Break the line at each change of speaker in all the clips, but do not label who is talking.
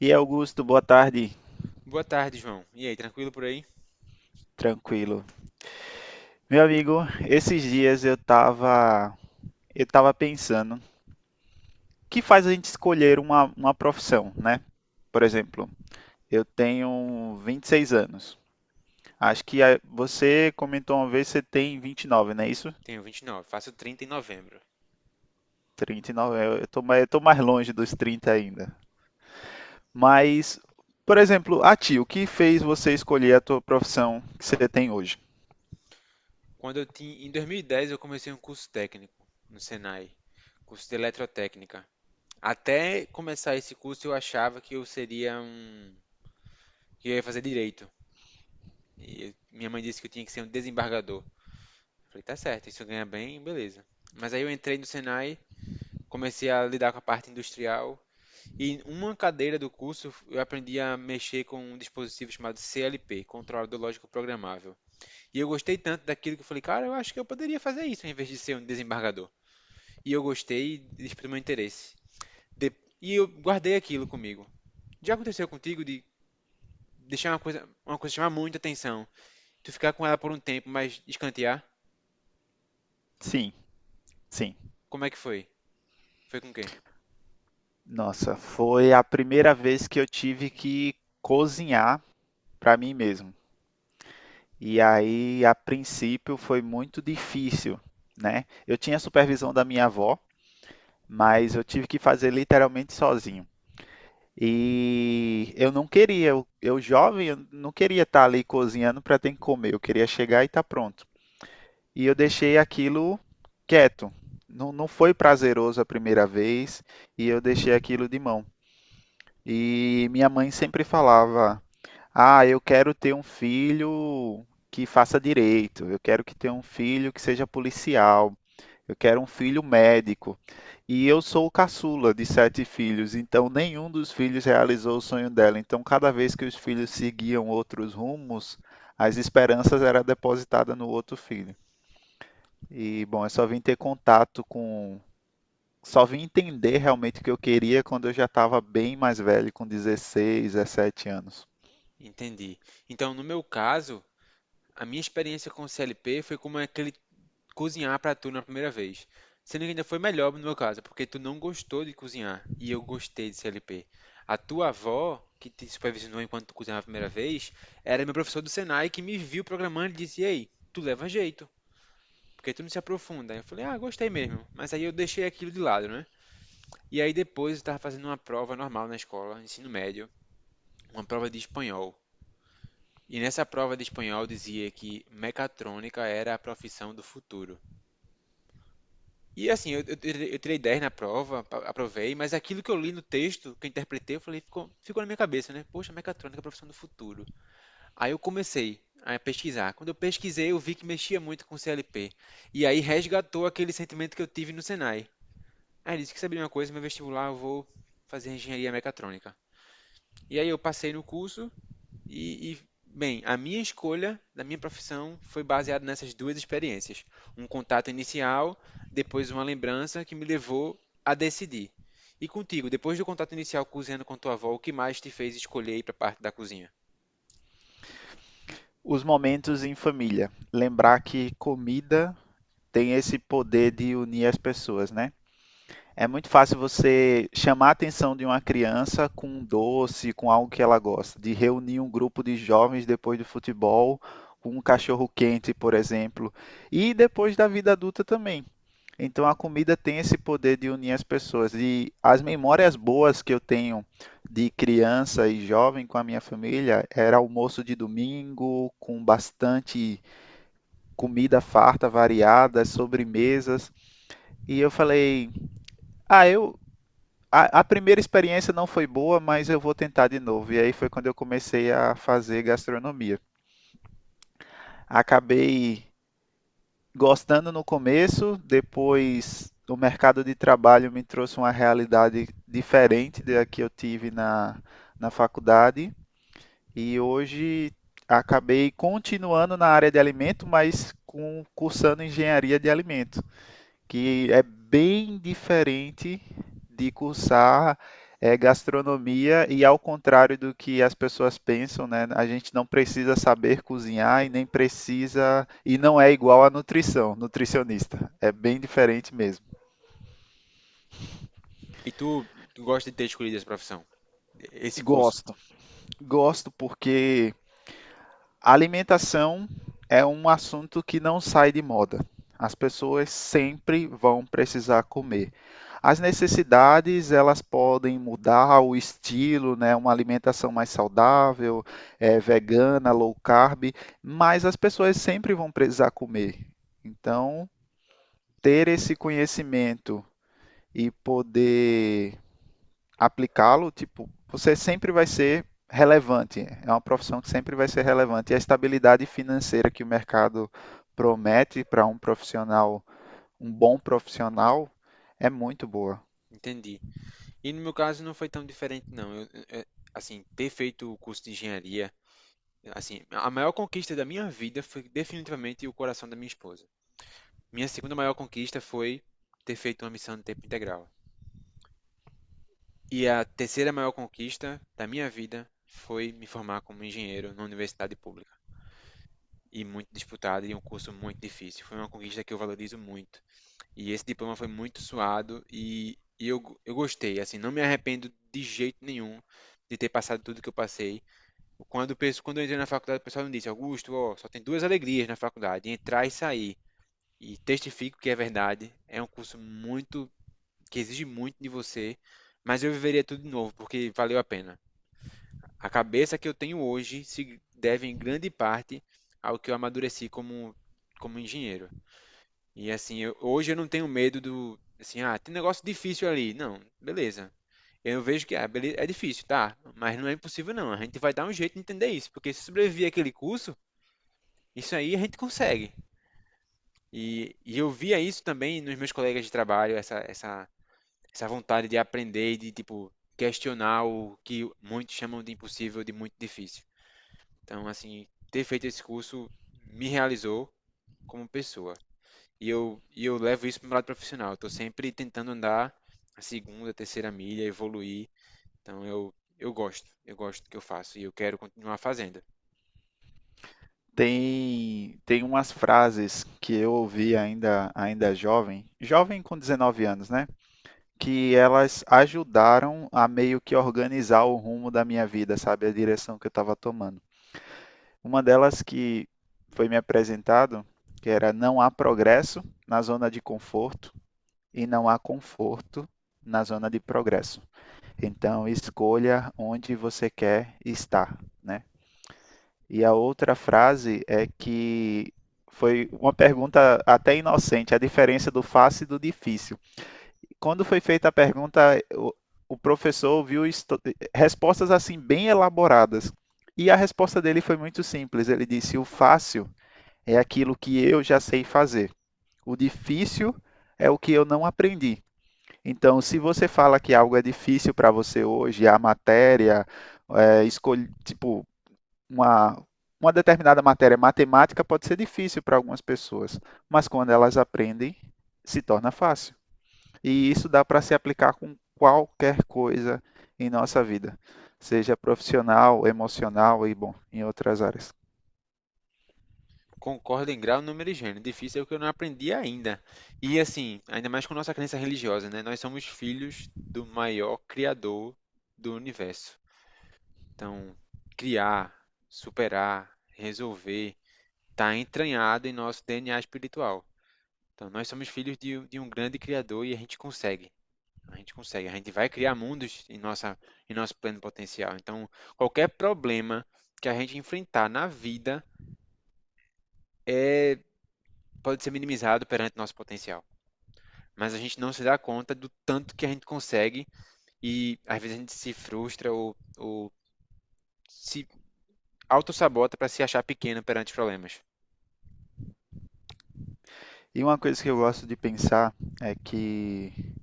E Augusto, boa tarde.
Boa tarde, João. E aí, tranquilo por aí?
Tranquilo. Meu amigo, esses dias eu tava pensando, o que faz a gente escolher uma profissão, né? Por exemplo, eu tenho 26 anos. Acho que você comentou uma vez que você tem 29, não é isso?
Tenho 29, faço 30 em novembro.
39, eu tô mais longe dos 30 ainda. Mas, por exemplo, a ti, o que fez você escolher a tua profissão que você tem hoje?
Quando eu tinha, em 2010 eu comecei um curso técnico no Senai, curso de eletrotécnica. Até começar esse curso eu achava que eu seria um, que eu ia fazer direito. Minha mãe disse que eu tinha que ser um desembargador. Eu falei, tá certo, isso ganha bem, beleza. Mas aí eu entrei no Senai, comecei a lidar com a parte industrial e em uma cadeira do curso eu aprendi a mexer com um dispositivo chamado CLP, controlador lógico programável. E eu gostei tanto daquilo que eu falei, cara, eu acho que eu poderia fazer isso em vez de ser um desembargador. E eu gostei e exprimi meu interesse. De- E eu guardei aquilo comigo. Já aconteceu contigo de deixar uma coisa chamar muita atenção, tu ficar com ela por um tempo, mas escantear?
Sim, sim.
Como é que foi? Foi com quem?
Nossa, foi a primeira vez que eu tive que cozinhar para mim mesmo. E aí, a princípio, foi muito difícil, né? Eu tinha a supervisão da minha avó, mas eu tive que fazer literalmente sozinho. E eu não queria, eu jovem, eu não queria estar ali cozinhando para ter que comer, eu queria chegar e estar pronto. E eu deixei aquilo quieto. Não, não foi prazeroso a primeira vez e eu deixei aquilo de mão. E minha mãe sempre falava. Ah, eu quero ter um filho que faça direito, eu quero que tenha um filho que seja policial, eu quero um filho médico. E eu sou o caçula de sete filhos, então nenhum dos filhos realizou o sonho dela. Então, cada vez que os filhos seguiam outros rumos, as esperanças eram depositadas no outro filho. E, bom, eu só vim ter contato com. Só vim entender realmente o que eu queria quando eu já estava bem mais velho, com 16, 17 anos.
Entendi. Então, no meu caso, a minha experiência com o CLP foi como aquele cozinhar para tu na primeira vez. Sendo que ainda foi melhor no meu caso, porque tu não gostou de cozinhar e eu gostei de CLP. A tua avó, que te supervisionou enquanto tu cozinhava a primeira vez, era meu professor do Senai que me viu programando e disse: Ei, tu leva jeito, porque tu não se aprofunda. Eu falei: Ah, gostei mesmo. Mas aí eu deixei aquilo de lado, né? E aí depois eu estava fazendo uma prova normal na escola, ensino médio, uma prova de espanhol. E nessa prova de espanhol dizia que mecatrônica era a profissão do futuro. E assim, eu tirei 10 na prova, aprovei, mas aquilo que eu li no texto, que eu interpretei, eu falei, ficou na minha cabeça, né? Poxa, mecatrônica é a profissão do futuro. Aí eu comecei a pesquisar. Quando eu pesquisei, eu vi que mexia muito com CLP. E aí resgatou aquele sentimento que eu tive no Senai. Aí eu disse que sabia uma coisa, meu vestibular eu vou fazer engenharia mecatrônica. E aí eu passei no curso e, e, bem, a minha escolha da minha profissão foi baseada nessas duas experiências. Um contato inicial, depois uma lembrança que me levou a decidir. E contigo, depois do contato inicial cozinhando com tua avó, o que mais te fez escolher ir para a parte da cozinha?
Os momentos em família. Lembrar que comida tem esse poder de unir as pessoas, né? É muito fácil você chamar a atenção de uma criança com um doce, com algo que ela gosta, de reunir um grupo de jovens depois do futebol, com um cachorro quente, por exemplo, e depois da vida adulta também. Então a comida tem esse poder de unir as pessoas. E as memórias boas que eu tenho de criança e jovem com a minha família era almoço de domingo, com bastante comida farta, variada, sobremesas. E eu falei: "Ah, eu a primeira experiência não foi boa, mas eu vou tentar de novo". E aí foi quando eu comecei a fazer gastronomia. Acabei gostando no começo, depois o mercado de trabalho me trouxe uma realidade diferente da que eu tive na faculdade. E hoje acabei continuando na área de alimento, mas cursando engenharia de alimento que é bem diferente de cursar gastronomia e ao contrário do que as pessoas pensam, né? A gente não precisa saber cozinhar e nem precisa e não é igual à nutrição, nutricionista. É bem diferente mesmo.
E tu, tu gosta de ter escolhido essa profissão, esse curso?
Gosto, gosto porque a alimentação é um assunto que não sai de moda. As pessoas sempre vão precisar comer. As necessidades, elas podem mudar o estilo, né? Uma alimentação mais saudável, vegana, low carb, mas as pessoas sempre vão precisar comer. Então, ter esse conhecimento e poder aplicá-lo, tipo, você sempre vai ser relevante. É uma profissão que sempre vai ser relevante. E a estabilidade financeira que o mercado promete para um profissional, um bom profissional, é muito boa.
Entendi. E no meu caso não foi tão diferente, não. Assim, ter feito o curso de engenharia, assim, a maior conquista da minha vida foi definitivamente o coração da minha esposa. Minha segunda maior conquista foi ter feito uma missão de tempo integral. E a terceira maior conquista da minha vida foi me formar como engenheiro na universidade pública. E muito disputada e um curso muito difícil. Foi uma conquista que eu valorizo muito. E esse diploma foi muito suado eu gostei. Assim, não me arrependo de jeito nenhum de ter passado tudo que eu passei. Quando eu entrei na faculdade, o pessoal me disse: Augusto, ó, só tem duas alegrias na faculdade, entrar e sair. E testifico que é verdade. É um curso muito que exige muito de você, mas eu viveria tudo de novo, porque valeu a pena. A cabeça que eu tenho hoje se deve em grande parte ao que eu amadureci como engenheiro. E assim, hoje eu não tenho medo do, assim, ah, tem negócio difícil ali. Não, beleza. Eu vejo que ah, é difícil, tá? Mas não é impossível, não. A gente vai dar um jeito de entender isso, porque se sobreviver àquele curso, isso aí a gente consegue. E eu via isso também nos meus colegas de trabalho, essa vontade de aprender e de, tipo, questionar o que muitos chamam de impossível, de muito difícil. Então, assim, ter feito esse curso me realizou como pessoa. E eu levo isso para o lado profissional. Estou sempre tentando andar a segunda, terceira milha, evoluir. Então, eu gosto. Eu gosto do que eu faço e eu quero continuar fazendo.
Tem umas frases que eu ouvi ainda jovem, jovem com 19 anos, né? Que elas ajudaram a meio que organizar o rumo da minha vida, sabe? A direção que eu estava tomando. Uma delas que foi me apresentado, que era não há progresso na zona de conforto e não há conforto na zona de progresso. Então, escolha onde você quer estar, né? E a outra frase é que foi uma pergunta até inocente, a diferença do fácil e do difícil. Quando foi feita a pergunta, o, o professor viu respostas assim bem elaboradas. E a resposta dele foi muito simples. Ele disse: "O fácil é aquilo que eu já sei fazer. O difícil é o que eu não aprendi. Então, se você fala que algo é difícil para você hoje, a matéria, é, escolhe, tipo, uma, uma determinada matéria matemática pode ser difícil para algumas pessoas, mas quando elas aprendem, se torna fácil. E isso dá para se aplicar com qualquer coisa em nossa vida, seja profissional, emocional e, bom, em outras áreas.
Concordo em grau, número e gênero. Difícil é o que eu não aprendi ainda. E assim, ainda mais com nossa crença religiosa, né? Nós somos filhos do maior criador do universo. Então, criar, superar, resolver, está entranhado em nosso DNA espiritual. Então, nós somos filhos de um grande Criador e a gente consegue. A gente consegue. A gente vai criar mundos em nosso pleno potencial. Então, qualquer problema que a gente enfrentar na vida é, pode ser minimizado perante nosso potencial. Mas a gente não se dá conta do tanto que a gente consegue e às vezes a gente se frustra ou se autossabota para se achar pequeno perante os problemas.
E uma coisa que eu gosto de pensar é que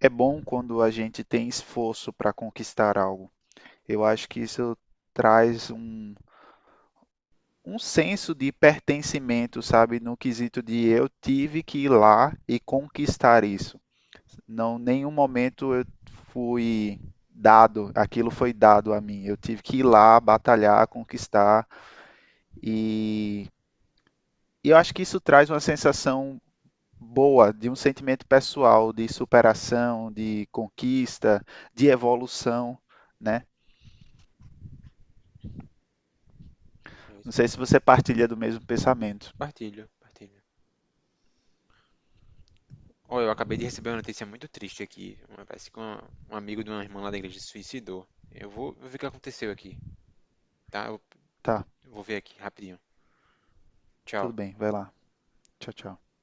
é bom quando a gente tem esforço para conquistar algo. Eu acho que isso traz um senso de pertencimento, sabe? No quesito de eu tive que ir lá e conquistar isso. Não, nenhum momento eu fui dado, aquilo foi dado a mim. Eu tive que ir lá, batalhar, conquistar e, e eu acho que isso traz uma sensação boa, de um sentimento pessoal de superação, de conquista, de evolução, né?
É
Não
isso
sei se
mesmo.
você partilha do mesmo pensamento.
Partilho, partilho. Oh, eu acabei de receber uma notícia muito triste aqui. Parece que um amigo de uma irmã lá da igreja se suicidou. Eu vou ver o que aconteceu aqui, tá?
Tá,
Eu vou ver aqui, rapidinho.
tudo
Tchau.
bem, vai lá. Tchau, tchau.